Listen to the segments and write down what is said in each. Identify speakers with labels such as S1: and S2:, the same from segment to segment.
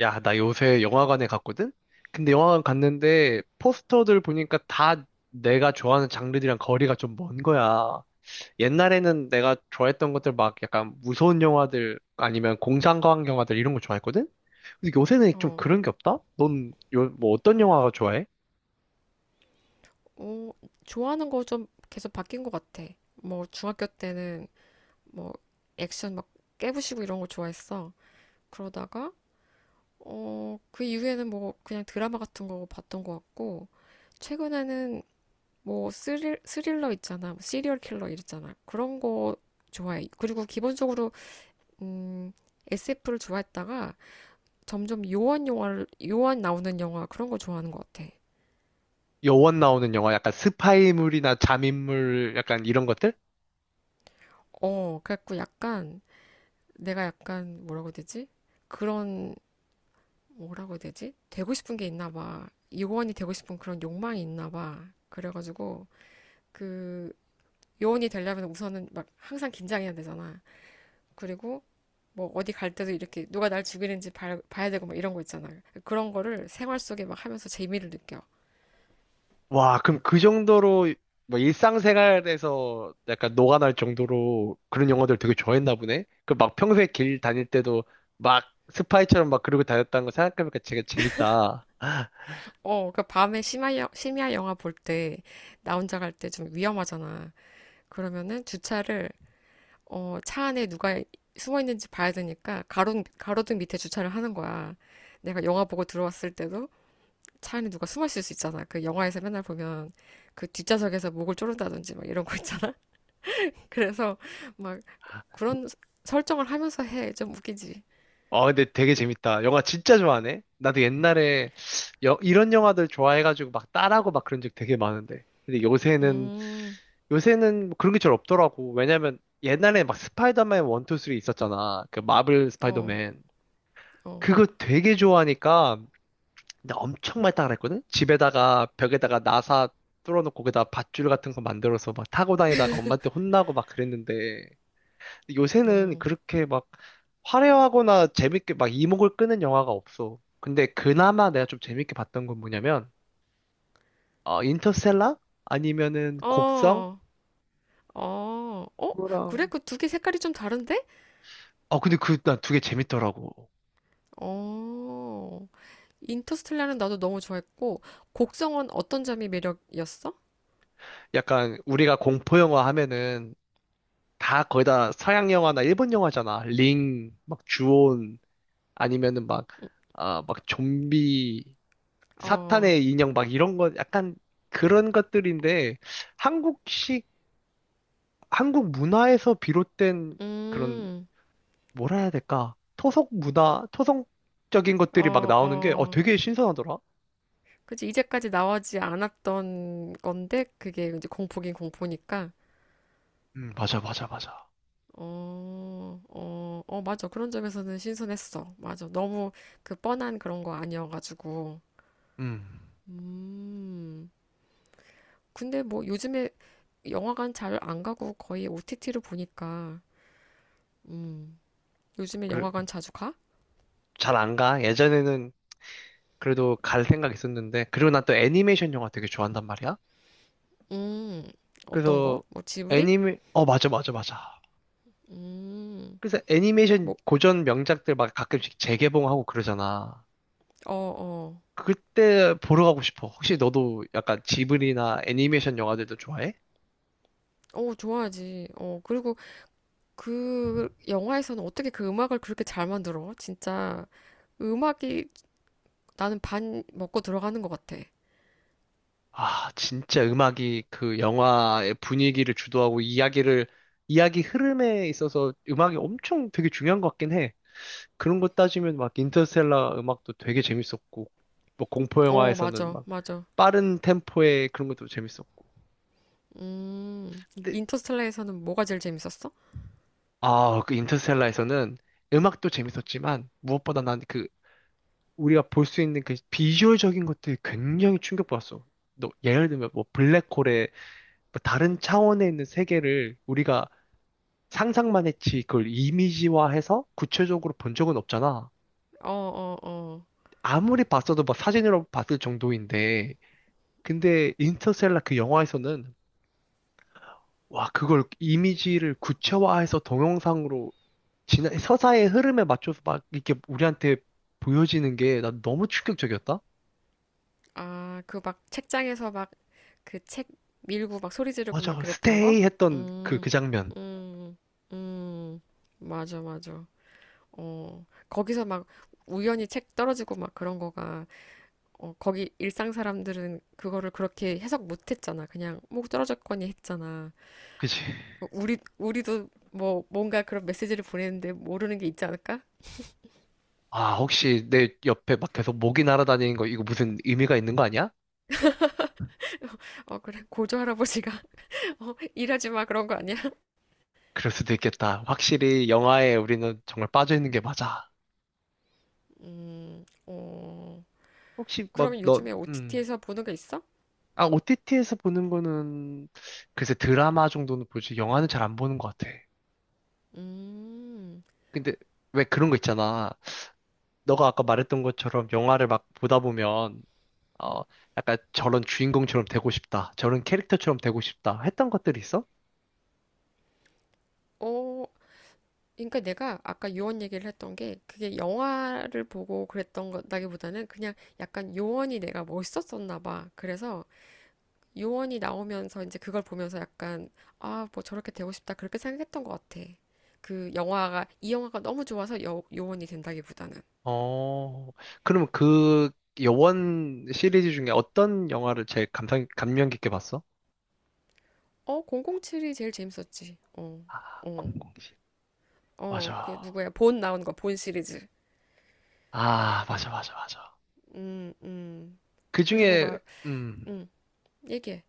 S1: 야, 나 요새 영화관에 갔거든? 근데 영화관 갔는데 포스터들 보니까 다 내가 좋아하는 장르들이랑 거리가 좀 먼 거야. 옛날에는 내가 좋아했던 것들 막 약간 무서운 영화들 아니면 공상과학 영화들 이런 거 좋아했거든? 근데 요새는 좀
S2: 어,
S1: 그런 게 없다? 넌 뭐 어떤 영화가 좋아해?
S2: 어, 좋아하는 거 좀 계속 바뀐 것 같아. 뭐, 중학교 때는 뭐, 액션 막 깨부시고 이런 거 좋아했어. 그러다가, 그 이후에는 뭐, 그냥 드라마 같은 거 봤던 것 같고, 최근에는 뭐, 스릴러 있잖아. 뭐 시리얼 킬러 이랬잖아. 그런 거 좋아해. 그리고 기본적으로, 음, SF를 좋아했다가 점점 요한 영화를, 요한 나오는 영화 그런 거 좋아하는 것 같아.
S1: 여원 나오는 영화, 약간 스파이물이나 잠입물 약간 이런 것들?
S2: 어, 그래갖고 약간 내가 약간 뭐라고 해야 되지? 그런 뭐라고 해야 되지? 되고 싶은 게 있나 봐. 요원이 되고 싶은 그런 욕망이 있나 봐. 그래가지고 그 요원이 되려면 우선은 막 항상 긴장해야 되잖아. 그리고 뭐 어디 갈 때도 이렇게 누가 날 죽이는지 봐야 되고 막 이런 거 있잖아. 그런 거를 생활 속에 막 하면서 재미를 느껴.
S1: 와, 그럼 그 정도로 뭐 일상생활에서 약간 녹아날 정도로 그런 영화들 되게 좋아했나 보네. 그 막 평소에 길 다닐 때도 막 스파이처럼 막 그러고 다녔다는 거 생각해보니까 되게 재밌다.
S2: 어, 그 밤에 심야 영화 볼 때 나 혼자 갈 때 좀 위험하잖아. 그러면은 주차를 차 안에 누가 숨어 있는지 봐야 되니까 가로등 밑에 주차를 하는 거야. 내가 영화 보고 들어왔을 때도 차 안에 누가 숨어 있을 수 있잖아. 그 영화에서 맨날 보면 그 뒷좌석에서 목을 조른다든지 막 이런 거 있잖아. 그래서 막 그런 설정을 하면서 해. 좀 웃기지.
S1: 어, 근데 되게 재밌다. 영화 진짜 좋아하네. 나도 옛날에 이런 영화들 좋아해가지고 막 따라하고 막 그런 적 되게 많은데. 근데 요새는
S2: 음,
S1: 요새는 그런 게 잘 없더라고. 왜냐면 옛날에 막 스파이더맨 1, 2, 3 있었잖아. 그 마블
S2: 어,
S1: 스파이더맨.
S2: 어.
S1: 그거 되게 좋아하니까 근데 엄청 많이 따라 그랬거든? 집에다가 벽에다가 나사 뚫어놓고 거기다 밧줄 같은 거 만들어서 막 타고 다니다가 엄마한테 혼나고 막 그랬는데 요새는
S2: 음.
S1: 그렇게 막 화려하거나 재밌게 막 이목을 끄는 영화가 없어. 근데 그나마 내가 좀 재밌게 봤던 건 뭐냐면 어, 인터스텔라? 아니면은 곡성?
S2: 어, 어, 어? 그래?
S1: 그거랑
S2: 그 두 개 색깔이 좀 다른데?
S1: 근데 그 난 두 개 재밌더라고.
S2: 어, 인터스텔라는 나도 너무 좋아했고, 곡성은 어떤 점이 매력이었어?
S1: 약간 우리가 공포 영화 하면은 다 거의 다 서양 영화나 일본 영화잖아. 링, 막 주온 아니면은 막, 아, 막 좀비,
S2: 어.
S1: 사탄의 인형 막 이런 것, 약간 그런 것들인데, 한국식, 한국 문화에서 비롯된 그런,
S2: 음,
S1: 뭐라 해야 될까? 토속 문화, 토성적인 것들이 막
S2: 어,
S1: 나오는 게,
S2: 어.
S1: 되게 신선하더라?
S2: 그치, 이제까지 나오지 않았던 건데, 그게 이제 공포긴 공포니까.
S1: 맞아, 맞아, 맞아.
S2: 어, 어, 어, 맞아. 그런 점에서는 신선했어. 맞아. 너무 그 뻔한 그런 거 아니어가지고.
S1: 음,
S2: 음. 근데 뭐 요즘에 영화관 잘 안 가고 거의 OTT로 보니까, 음. 요즘에
S1: 그
S2: 영화관 자주 가?
S1: 잘안 가. 예전에는 그래도 갈 생각 있었는데, 그리고 난 또 애니메이션 영화 되게 좋아한단 말이야?
S2: 음. 어떤 거?
S1: 그래서
S2: 뭐 지브리?
S1: 어, 맞아, 맞아, 맞아.
S2: 음.
S1: 그래서 애니메이션
S2: 뭐,
S1: 고전 명작들 막 가끔씩 재개봉하고 그러잖아.
S2: 어, 어.
S1: 그때 보러 가고 싶어. 혹시 너도 약간 지브리나 애니메이션 영화들도 좋아해?
S2: 어, 좋아하지. 어, 그리고 그 영화에서는 어떻게 그 음악을 그렇게 잘 만들어? 진짜 음악이 나는 반 먹고 들어가는 것 같아.
S1: 아, 진짜 음악이 그 영화의 분위기를 주도하고 이야기 흐름에 있어서 음악이 엄청 되게 중요한 것 같긴 해. 그런 거 따지면 막 인터스텔라 음악도 되게 재밌었고, 뭐 공포
S2: 어,
S1: 영화에서는
S2: 맞아,
S1: 막
S2: 맞아.
S1: 빠른 템포의 그런 것도 재밌었고.
S2: 음,
S1: 근데
S2: 인터스텔라에서는 뭐가 제일 재밌었어?
S1: 아, 그 인터스텔라에서는 음악도 재밌었지만 무엇보다 난 그 우리가 볼 수 있는 그 비주얼적인 것들이 굉장히 충격받았어. 너 예를 들면 뭐 블랙홀의 뭐 다른
S2: 음,
S1: 차원에 있는 세계를 우리가 상상만 했지 그걸 이미지화해서 구체적으로 본 적은 없잖아.
S2: 어, 어, 어.
S1: 아무리 봤어도 막 사진으로 봤을 정도인데 근데 인터스텔라 그 영화에서는 와 그걸 이미지를 구체화해서 동영상으로 지난 서사의 흐름에 맞춰서 막 이렇게 우리한테 보여지는 게 난 너무 충격적이었다.
S2: 아, 그 막 책장에서 막 그 책 밀고 막 소리 지르고 막
S1: 맞아,
S2: 그랬던 거?
S1: 스테이 했던
S2: 음,
S1: 그 장면.
S2: 음, 음, 맞아, 맞아. 어, 거기서 막 우연히 책 떨어지고 막 그런 거가 어, 거기 일상 사람들은 그거를 그렇게 해석 못 했잖아. 그냥 목 떨어졌거니 했잖아.
S1: 그치?
S2: 어, 우리도 뭐 뭔가 그런 메시지를 보내는데 모르는 게 있지 않을까?
S1: 아, 혹시 내 옆에 막 계속 모기 날아다니는 거 이거 무슨 의미가 있는 거 아니야?
S2: 어, 그래. 고조 할아버지가 어, 일하지 마 그런 거 아니야?
S1: 그럴 수도 있겠다. 확실히 영화에 우리는 정말 빠져있는 게 맞아.
S2: 어,
S1: 혹시 막
S2: 그러면 요즘에 OTT에서 보는 게 있어?
S1: 아, OTT에서 보는 거는 글쎄 드라마 정도는 보지 영화는 잘 안 보는 것 같아.
S2: 음,
S1: 근데 왜 그런 거 있잖아. 너가 아까 말했던 것처럼 영화를 막 보다 보면 어, 약간 저런 주인공처럼 되고 싶다. 저런 캐릭터처럼 되고 싶다. 했던 것들이 있어?
S2: 어, 그러니까 내가 아까 요원 얘기를 했던 게 그게 영화를 보고 그랬던 거다기보다는 그냥 약간 요원이 내가 멋있었었나 봐. 그래서 요원이 나오면서 이제 그걸 보면서 약간 아, 뭐 저렇게 되고 싶다 그렇게 생각했던 것 같아. 그 영화가 이 영화가 너무 좋아서 요원이 된다기보다는
S1: 어, 그럼 그 여원 시리즈 중에 어떤 영화를 제일 감명 깊게 봤어?
S2: 어, 007이 제일 재밌었지. 어,
S1: 아,
S2: 어,
S1: 007.
S2: 어, 그
S1: 맞아.
S2: 누구야? 본 나온 거, 본 시리즈.
S1: 아, 맞아, 맞아, 맞아.
S2: 음, 음.
S1: 그
S2: 그리고
S1: 중에,
S2: 막,
S1: 음,
S2: 음, 얘기해.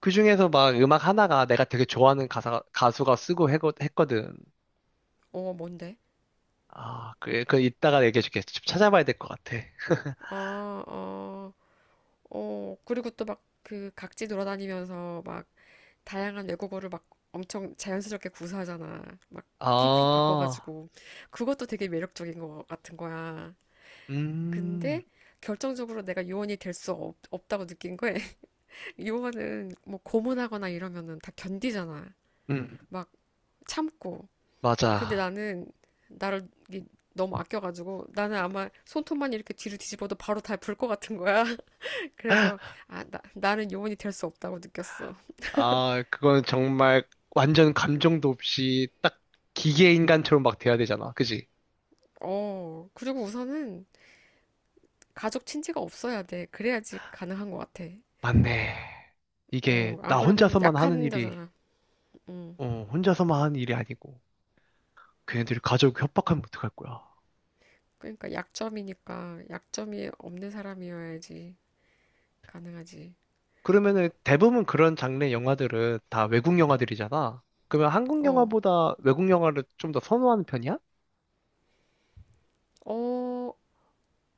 S1: 그 중에서 막 음악 하나가 내가 되게 좋아하는 가수가 쓰고 했거든.
S2: 어, 뭔데?
S1: 아, 그래, 그 이따가 얘기해줄게. 좀 찾아봐야 될 것 같아.
S2: 아, 어, 어. 그리고 또 막 그 각지 돌아다니면서 막 다양한 외국어를 막 엄청 자연스럽게 구사하잖아. 막 휙휙
S1: 아,
S2: 바꿔가지고. 그것도 되게 매력적인 것 같은 거야.
S1: 음,
S2: 근데 결정적으로 내가 요원이 될 수 없다고 느낀 거야. 요원은 뭐 고문하거나 이러면은 다 견디잖아.
S1: 음,
S2: 막 참고. 근데
S1: 맞아.
S2: 나는 나를 이게 너무 아껴가지고 나는 아마 손톱만 이렇게 뒤로 뒤집어도 바로 다 불 것 같은 거야. 그래서 아, 나는 요원이 될 수 없다고 느꼈어.
S1: 아, 그건 정말 완전 감정도 없이 딱 기계 인간처럼 막 돼야 되잖아. 그지?
S2: 어, 그리고 우선은 가족 친지가 없어야 돼. 그래야지 가능한 것 같아.
S1: 맞네. 이게
S2: 어,
S1: 나
S2: 안 그러면
S1: 혼자서만 하는
S2: 약한
S1: 일이,
S2: 자잖아. 음.
S1: 혼자서만 하는 일이 아니고, 걔네들이 가족 협박하면 어떡할 거야.
S2: 그러니까 약점이니까 약점이 없는 사람이어야지 가능하지.
S1: 그러면은 대부분 그런 장르의 영화들은 다 외국 영화들이잖아. 그러면 한국
S2: 어,
S1: 영화보다 외국 영화를 좀 더 선호하는 편이야?
S2: 어,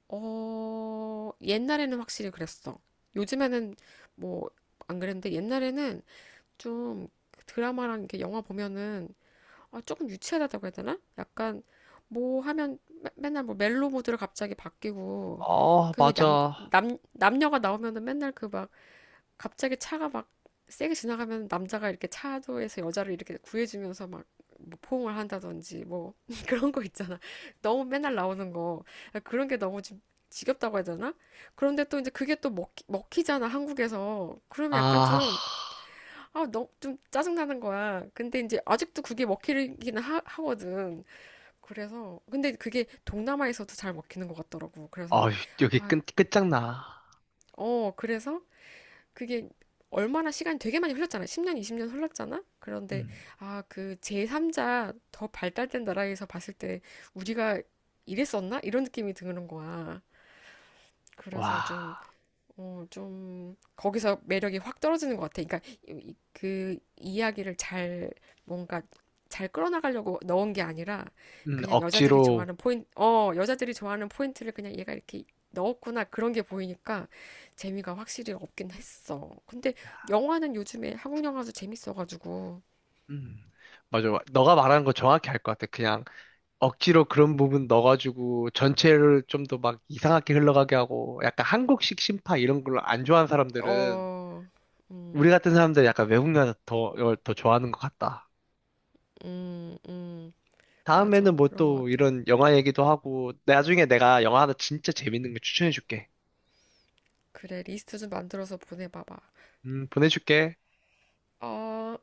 S2: 어, 옛날에는 확실히 그랬어. 요즘에는 뭐 안 그랬는데 옛날에는 좀 드라마랑 이렇게 영화 보면은 아, 조금 유치하다고 해야 되나? 약간 뭐 하면 맨날 뭐 멜로 모드로 갑자기 바뀌고
S1: 아,
S2: 그리고
S1: 맞아.
S2: 남녀가 나오면은 맨날 그 막 갑자기 차가 막 세게 지나가면 남자가 이렇게 차도에서 여자를 이렇게 구해주면서 막뭐 포옹을 한다든지 뭐 그런 거 있잖아. 너무 맨날 나오는 거. 아, 그런 게 너무 좀 지겹다고 해야 되나? 그런데 또 이제 그게 또 먹히잖아, 한국에서. 그러면 약간
S1: 아,
S2: 좀 아, 너무 좀 짜증나는 거야. 근데 이제 아직도 그게 먹히긴 하거든. 그래서, 근데 그게 동남아에서도 잘 먹히는 것 같더라고.
S1: 아,
S2: 그래서,
S1: 여기
S2: 아,
S1: 끝장나.
S2: 어, 그래서 그게 얼마나 시간이 되게 많이 흘렀잖아. 10년, 20년 흘렀잖아? 그런데,
S1: 음.
S2: 아, 그 제3자 더 발달된 나라에서 봤을 때 우리가 이랬었나? 이런 느낌이 드는 거야.
S1: 와.
S2: 그래서 좀 어, 좀, 거기서 매력이 확 떨어지는 것 같아. 그러니까, 그 이야기를 잘, 뭔가, 잘 끌어나가려고 넣은 게 아니라, 그냥 여자들이
S1: 억지로
S2: 좋아하는 포인트, 어, 여자들이 좋아하는 포인트를 그냥 얘가 이렇게 넣었구나. 그런 게 보이니까, 재미가 확실히 없긴 했어. 근데, 영화는 요즘에 한국 영화도 재밌어가지고,
S1: 음, 맞아. 너가 말하는 거 정확히 알 것 같아. 그냥 억지로 그런 부분 넣어가지고 전체를 좀 더 막 이상하게 흘러가게 하고 약간 한국식 심파 이런 걸로 안 좋아하는 사람들은
S2: 어, 음,
S1: 우리 같은 사람들 약간 외국 영화 이걸 더 좋아하는 것 같다.
S2: 음, 음, 맞아.
S1: 다음에는 뭐
S2: 그런 것
S1: 또
S2: 같아.
S1: 이런 영화 얘기도 하고 나중에 내가 영화 하나 진짜 재밌는 거 추천해줄게.
S2: 그래, 리스트 좀 만들어서 보내봐봐.
S1: 보내줄게.
S2: 어,